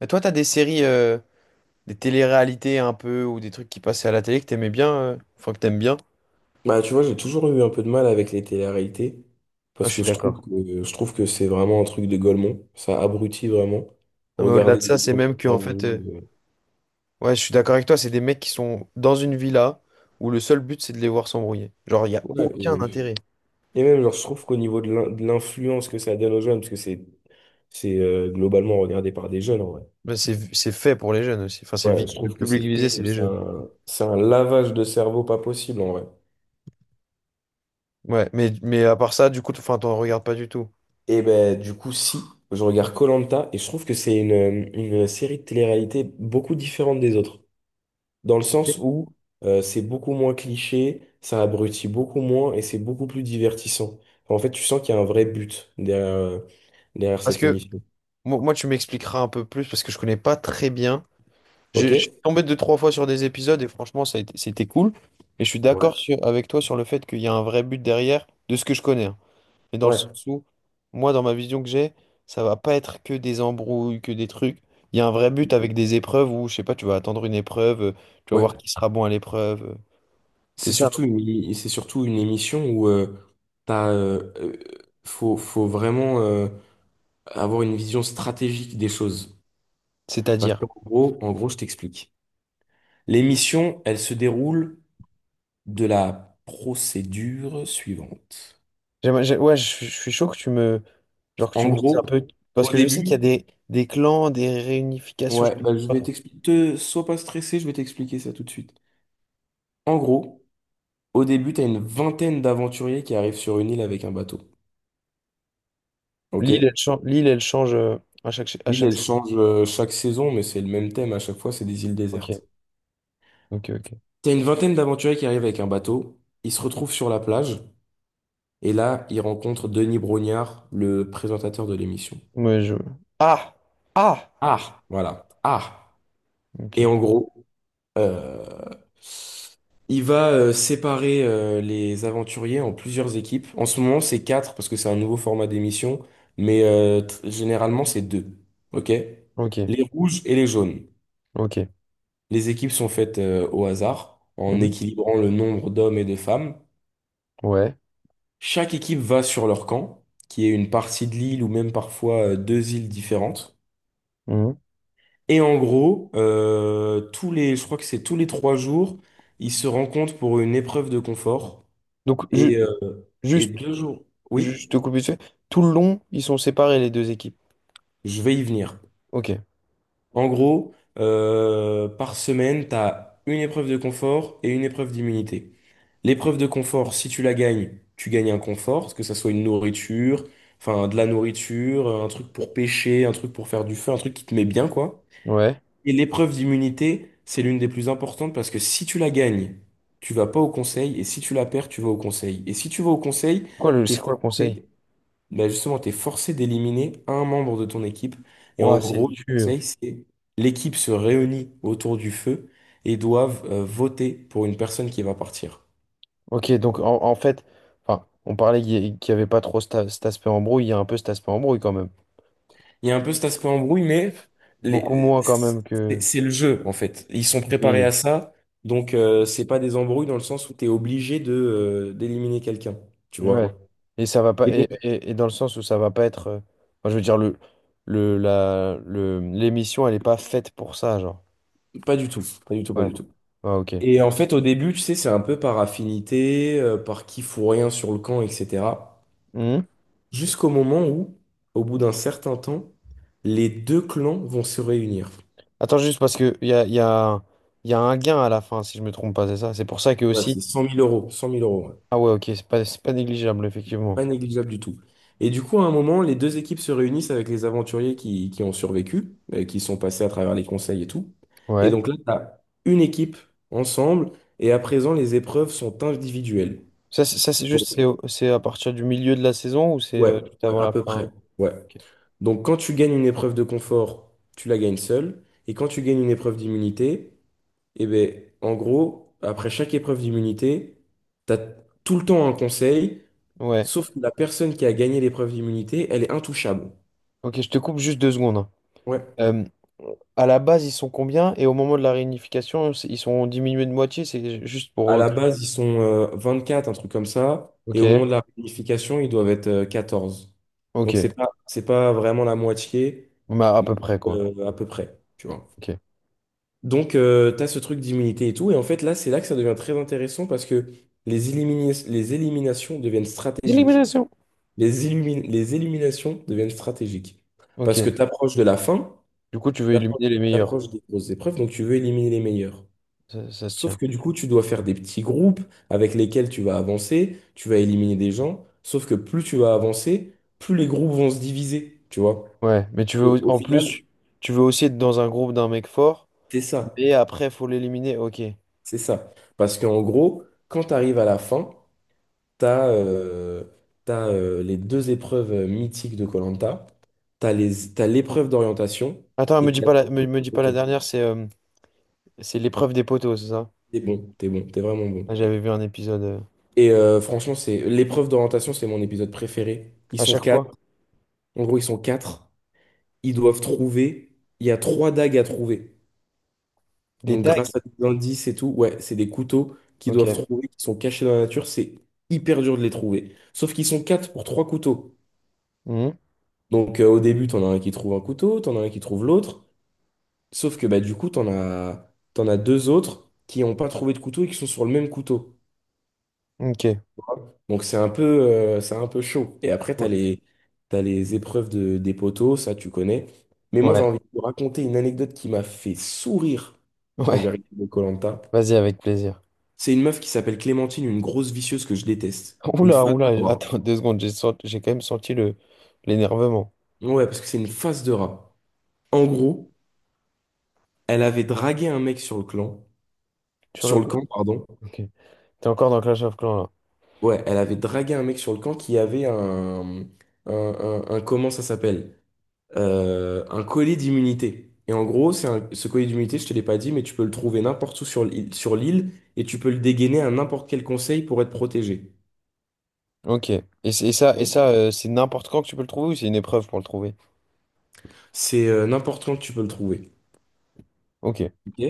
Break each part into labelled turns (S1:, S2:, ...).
S1: Mais toi, t'as des séries, des télé-réalités un peu, ou des trucs qui passaient à la télé que t'aimais bien, enfin que t'aimes bien.
S2: Bah, tu vois, j'ai toujours eu un peu de mal avec les télé-réalités
S1: Ah,
S2: parce
S1: je
S2: que
S1: suis
S2: je trouve
S1: d'accord.
S2: que, je trouve que c'est vraiment un truc de golemont. Ça abrutit vraiment.
S1: Non, mais au-delà
S2: Regarder
S1: de ça,
S2: les
S1: c'est
S2: gens qui
S1: même que, en fait,
S2: s'embrouillent.
S1: ouais, je suis d'accord avec toi, c'est des mecs qui sont dans une villa où le seul but, c'est de les voir s'embrouiller. Genre, il n'y a
S2: Ouais,
S1: aucun intérêt.
S2: et même, genre, je trouve qu'au niveau de l'influence que ça donne aux jeunes, parce que c'est globalement regardé par des jeunes en vrai.
S1: Mais c'est fait pour les jeunes aussi. Enfin,
S2: Ouais, je
S1: le
S2: trouve que
S1: public
S2: c'est
S1: visé, c'est
S2: terrible.
S1: les
S2: C'est
S1: jeunes.
S2: un, c'est un lavage de cerveau pas possible en vrai.
S1: Ouais, mais à part ça, du coup, enfin, t'en regardes pas du tout.
S2: Et ben, du coup, si, je regarde koh et je trouve que c'est une série de télé-réalité beaucoup différente des autres, dans le sens où c'est beaucoup moins cliché, ça abrutit beaucoup moins et c'est beaucoup plus divertissant. En fait, tu sens qu'il y a un vrai but derrière
S1: Parce
S2: cette
S1: que,
S2: émission.
S1: moi, tu m'expliqueras un peu plus, parce que je connais pas très bien. Je suis
S2: Ok?
S1: tombé deux, trois fois sur des épisodes et franchement, c'était cool. Et je suis
S2: Ouais.
S1: d'accord avec toi sur le fait qu'il y a un vrai but derrière de ce que je connais, hein. Mais dans le sens
S2: Ouais,
S1: où, moi, dans ma vision que j'ai, ça va pas être que des embrouilles, que des trucs. Il y a un vrai but avec des épreuves où, je sais pas, tu vas attendre une épreuve, tu vas
S2: ouais.
S1: voir qui sera bon à l'épreuve. C'est
S2: C'est
S1: ça, non,
S2: surtout une, c'est surtout une émission où t'as, euh, euh, faut vraiment avoir une vision stratégique des choses. Parce
S1: c'est-à-dire.
S2: qu'en gros, je t'explique. L'émission, elle se déroule de la procédure suivante.
S1: Ouais, je suis chaud que genre que tu
S2: En
S1: me dises un
S2: gros,
S1: peu. Parce
S2: au
S1: que je sais qu'il y a
S2: début,
S1: des clans, des réunifications, je
S2: ouais,
S1: sais
S2: bah, je
S1: pas
S2: vais
S1: trop.
S2: t'expliquer. Sois pas stressé, je vais t'expliquer ça tout de suite. En gros, au début, t'as une vingtaine d'aventuriers qui arrivent sur une île avec un bateau. Ok?
S1: L'île, elle change à
S2: L'île,
S1: chaque
S2: elle
S1: saison.
S2: change chaque saison, mais c'est le même thème à chaque fois, c'est des îles
S1: Ok.
S2: désertes.
S1: Ok, ok.
S2: T'as une vingtaine d'aventuriers qui arrivent avec un bateau, ils se retrouvent sur la plage, et là, ils rencontrent Denis Brognard, le présentateur de l'émission.
S1: Ouais, je... Ah! Ah!
S2: Ah, voilà. Ah.
S1: Ok,
S2: Et en gros, Euh, il va séparer les aventuriers en plusieurs équipes. En ce moment, c'est quatre parce que c'est un nouveau format d'émission, mais généralement, c'est deux. OK?
S1: ok,
S2: Les rouges et les jaunes.
S1: ok.
S2: Les équipes sont faites au hasard en
S1: Mhm.
S2: équilibrant le nombre d'hommes et de femmes.
S1: Ouais.
S2: Chaque équipe va sur leur camp, qui est une partie de l'île ou même parfois deux îles différentes.
S1: Mhm.
S2: Et en gros, je crois que c'est tous les 3 jours, ils se rencontrent pour une épreuve de confort.
S1: Donc,
S2: Et, euh, et
S1: juste,
S2: deux jours, oui,
S1: juste te couper dessus. Tout le long, ils sont séparés, les deux équipes.
S2: je vais y venir.
S1: Ok,
S2: En gros, par semaine, tu as une épreuve de confort et une épreuve d'immunité. L'épreuve de confort, si tu la gagnes, tu gagnes un confort, que ça soit une nourriture, enfin de la nourriture, un truc pour pêcher, un truc pour faire du feu, un truc qui te met bien, quoi.
S1: ouais.
S2: Et l'épreuve d'immunité, c'est l'une des plus importantes parce que si tu la gagnes, tu vas pas au conseil, et si tu la perds, tu vas au conseil. Et si tu vas au conseil,
S1: Quoi,
S2: t'es
S1: c'est quoi le conseil?
S2: forcé bah justement, tu es forcé d'éliminer un membre de ton équipe. Et en
S1: Ouah, c'est
S2: gros, le
S1: dur.
S2: conseil, c'est l'équipe se réunit autour du feu et doivent voter pour une personne qui va partir.
S1: Ok, donc en fait, enfin, on parlait qu'il y avait pas trop cet aspect embrouille, il y a un peu cet aspect embrouille quand même.
S2: Il y a un peu cet aspect embrouille, mais
S1: Beaucoup
S2: les-
S1: moins quand
S2: c'est
S1: même que...
S2: c'est le jeu, en fait. Ils sont préparés
S1: Oui.
S2: à ça, donc c'est pas des embrouilles dans le sens où tu es obligé de d'éliminer quelqu'un, tu
S1: Ouais.
S2: vois.
S1: Et ça va pas
S2: Et donc,
S1: et dans le sens où ça va pas être enfin, je veux dire le la le l'émission elle est pas faite pour ça genre.
S2: pas du tout, pas du tout, pas
S1: Ouais.
S2: du tout.
S1: Ouais, OK.
S2: Et en fait, au début, tu sais, c'est un peu par affinité, par qui fout rien sur le camp, etc.
S1: Mhm.
S2: Jusqu'au moment où, au bout d'un certain temps, les deux clans vont se réunir.
S1: Attends juste parce que il y a il y a il y a un gain à la fin si je me trompe pas, c'est ça? C'est pour ça que
S2: Ouais,
S1: aussi...
S2: c'est cent mille euros, ouais.
S1: Ah ouais, OK, c'est pas négligeable effectivement.
S2: Pas négligeable du tout. Et du coup, à un moment, les deux équipes se réunissent avec les aventuriers qui ont survécu, qui sont passés à travers les conseils et tout. Et
S1: Ouais.
S2: donc là, t'as une équipe ensemble, et à présent, les épreuves sont individuelles.
S1: C'est juste
S2: Donc,
S1: c'est à partir du milieu de la saison ou c'est
S2: ouais,
S1: juste
S2: ouais,
S1: avant
S2: à
S1: la
S2: peu
S1: fin?
S2: près. Ouais.
S1: Ok.
S2: Donc quand tu gagnes une épreuve de confort, tu la gagnes seul. Et quand tu gagnes une épreuve d'immunité, eh ben, en gros, après chaque épreuve d'immunité, tu as tout le temps un conseil,
S1: Ouais.
S2: sauf que la personne qui a gagné l'épreuve d'immunité, elle est intouchable.
S1: OK, je te coupe juste deux secondes, hein.
S2: Ouais.
S1: Euh, À la base, ils sont combien? Et au moment de la réunification, ils sont diminués de moitié, c'est juste
S2: À
S1: pour...
S2: la base, ils sont quatre un truc comme ça, et
S1: Ok,
S2: au moment de la réunification, ils doivent être 14. Donc
S1: ok.
S2: c'est pas vraiment la moitié,
S1: Bah, à
S2: mais
S1: peu près, quoi.
S2: à peu près, tu vois.
S1: Ok.
S2: Donc, t'as tu as ce truc d'immunité et tout. Et en fait, là, c'est là que ça devient très intéressant parce que les éliminations deviennent stratégiques.
S1: Élimination.
S2: Les éliminations deviennent stratégiques. Parce
S1: Ok.
S2: que tu approches de la fin,
S1: Du coup, tu veux
S2: tu
S1: éliminer les meilleurs, quoi.
S2: approches des grosses épreuves, donc tu veux éliminer les meilleurs.
S1: Ça se
S2: Sauf
S1: tient.
S2: que du coup, tu dois faire des petits groupes avec lesquels tu vas avancer, tu vas éliminer des gens. Sauf que plus tu vas avancer, plus les groupes vont se diviser, tu vois.
S1: Ouais, mais tu veux...
S2: Au
S1: En
S2: final,
S1: plus, tu veux aussi être dans un groupe d'un mec fort,
S2: c'est ça.
S1: mais après, faut l'éliminer. Ok.
S2: C'est ça. Parce qu'en gros, quand tu arrives à la fin, T'as euh, t'as les deux épreuves mythiques de Koh-Lanta. T'as l'épreuve d'orientation
S1: Attends,
S2: et t'as l'épreuve
S1: me
S2: de
S1: dis pas la
S2: photo.
S1: dernière, c'est l'épreuve des poteaux, c'est ça?
S2: T'es bon, t'es bon, t'es vraiment bon.
S1: Ah, j'avais vu un épisode...
S2: Et franchement, c'est l'épreuve d'orientation, c'est mon épisode préféré. Ils
S1: À
S2: sont
S1: chaque
S2: quatre.
S1: fois.
S2: En gros, ils sont quatre. Ils doivent trouver. Il y a trois dagues à trouver.
S1: Des
S2: Donc,
S1: dagues.
S2: grâce à des indices et tout, ouais, c'est des couteaux qu'ils doivent
S1: Ok.
S2: trouver, qui sont cachés dans la nature. C'est hyper dur de les trouver. Sauf qu'ils sont quatre pour trois couteaux.
S1: Mhm.
S2: Donc, au début, t'en as un qui trouve un couteau, t'en as un qui trouve l'autre. Sauf que bah, du coup, t'en as deux autres qui n'ont pas trouvé de couteau et qui sont sur le même couteau.
S1: Ok.
S2: Donc c'est un peu chaud. Et après,
S1: Ouais.
S2: t'as les épreuves des poteaux, ça tu connais. Mais moi, j'ai
S1: Ouais.
S2: envie de vous raconter une anecdote qui m'a fait sourire quand
S1: Ouais.
S2: j'ai regardé koh.
S1: Vas-y, avec plaisir.
S2: C'est une meuf qui s'appelle Clémentine, une grosse vicieuse que je déteste. Une
S1: Oula,
S2: face de
S1: oula,
S2: rat.
S1: attends deux secondes, j'ai quand même senti le l'énervement
S2: Ouais, parce que c'est une face de rat. En gros, elle avait dragué un mec
S1: sur le
S2: sur le
S1: clan.
S2: camp, pardon.
S1: Ok. T'es encore dans Clash of Clans là.
S2: Ouais, elle avait dragué un mec sur le camp qui avait un, comment ça s'appelle? Un collier d'immunité. Et en gros, ce collier d'immunité, je te l'ai pas dit, mais tu peux le trouver n'importe où sur l'île et tu peux le dégainer à n'importe quel conseil pour être protégé.
S1: Ok. Et, et
S2: Ok.
S1: ça, c'est n'importe quand que tu peux le trouver ou c'est une épreuve pour le trouver?
S2: C'est n'importe quand que tu peux le trouver.
S1: Ok.
S2: Ok.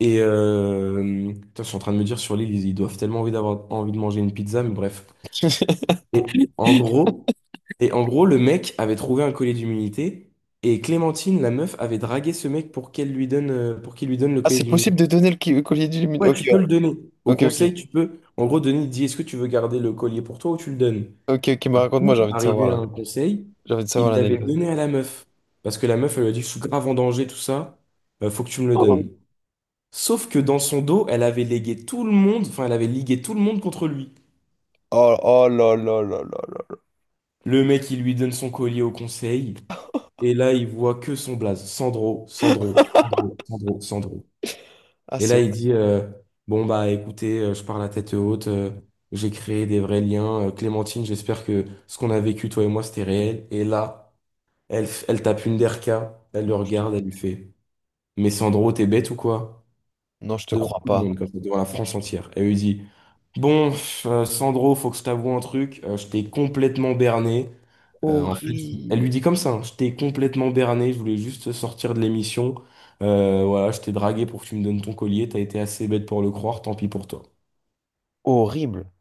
S2: Et putain, je suis en train de me dire sur l'île, ils doivent tellement envie d'avoir envie de manger une pizza, mais bref. Et en gros, et en gros, le mec avait trouvé un collier d'humilité et Clémentine, la meuf, avait dragué ce mec pour qu'elle lui donne, pour qu'il lui donne le
S1: Ah,
S2: collier
S1: c'est
S2: d'humilité.
S1: possible de donner le collier du
S2: Ouais, tu
S1: Ok,
S2: peux le donner. Au
S1: ok, ok.
S2: conseil, tu peux, en gros, donner, il dit, est-ce que tu veux garder le collier pour toi ou tu le donnes?
S1: Ok, ok, bah
S2: Et du
S1: raconte-moi,
S2: coup,
S1: j'ai envie de savoir
S2: arrivé à
S1: là.
S2: un conseil,
S1: J'ai envie de savoir
S2: il l'avait
S1: l'anecdote.
S2: donné à la meuf. Parce que la meuf, elle lui a dit, je suis grave en danger, tout ça, faut que tu me le
S1: Oh,
S2: donnes. Sauf que dans son dos, elle avait ligué tout le monde contre lui.
S1: oh là là là là là.
S2: Le mec, il lui donne son collier au conseil. Et là, il voit que son blaze, Sandro, Sandro, Sandro, Sandro, Sandro.
S1: Ah,
S2: Et là,
S1: c'est...
S2: il dit, bon, bah écoutez, je pars la tête haute, j'ai créé des vrais liens. Clémentine, j'espère que ce qu'on a vécu, toi et moi, c'était réel. Et là, elle tape une derka, elle le
S1: Non, je te...
S2: regarde, elle lui fait, mais Sandro, t'es bête ou quoi?
S1: non, je te
S2: Devant
S1: crois
S2: tout le
S1: pas.
S2: monde, comme ça, devant la France entière. Elle lui dit, bon, pff, Sandro, faut que je t'avoue un truc, je t'ai complètement berné. Elle lui
S1: Horrible.
S2: dit comme ça, hein, je t'ai complètement berné, je voulais juste sortir de l'émission. Voilà, je t'ai dragué pour que tu me donnes ton collier, t'as été assez bête pour le croire, tant pis pour toi.
S1: Horrible.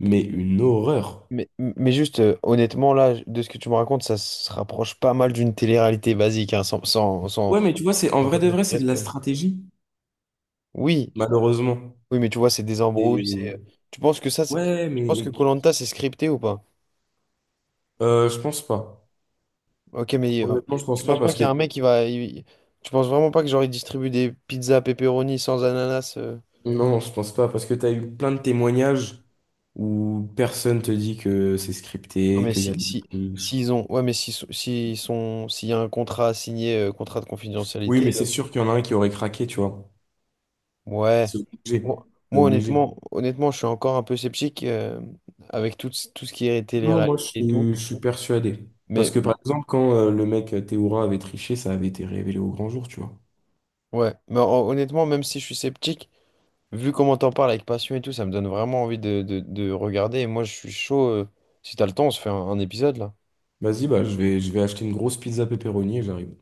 S2: Mais une horreur.
S1: Mais juste, honnêtement, là, de ce que tu me racontes, ça se rapproche pas mal d'une télé-réalité basique, hein,
S2: Ouais, mais tu vois, c'est en vrai de vrai, c'est de la stratégie,
S1: Oui,
S2: malheureusement.
S1: oui, mais tu vois, c'est des embrouilles, c'est...
S2: Et
S1: Tu penses que ça, c'est...
S2: ouais,
S1: Tu penses que
S2: mais
S1: koh c'est scripté ou pas?
S2: je pense pas.
S1: Ok, mais
S2: Honnêtement, je
S1: tu
S2: pense pas
S1: penses pas
S2: parce
S1: qu'il y
S2: que
S1: a un mec qui va... Tu penses vraiment pas que genre, il distribue des pizzas pepperoni sans ananas?
S2: non, je pense pas parce que t'as eu plein de témoignages où personne te dit que c'est
S1: Non,
S2: scripté,
S1: mais
S2: qu'il y a
S1: si,
S2: de la
S1: si,
S2: triche.
S1: s'ils ont... Ouais, mais s'ils sont... S'il y a un contrat signé, contrat de
S2: Oui,
S1: confidentialité...
S2: mais c'est sûr qu'il y en a un qui aurait craqué, tu vois.
S1: Ouais.
S2: C'est obligé.
S1: Moi,
S2: C'est obligé.
S1: honnêtement, honnêtement, je suis encore un peu sceptique avec tout, tout ce qui est
S2: Non, moi,
S1: télé-réalité et tout.
S2: je suis persuadé. Parce
S1: Mais
S2: que, par exemple, quand le mec Théoura avait triché, ça avait été révélé au grand jour, tu vois.
S1: ouais, mais honnêtement, même si je suis sceptique, vu comment t'en parles avec passion et tout, ça me donne vraiment envie de, de regarder. Et moi, je suis chaud. Si t'as le temps, on se fait un épisode là.
S2: Vas-y, bah, je vais acheter une grosse pizza pepperoni et j'arrive.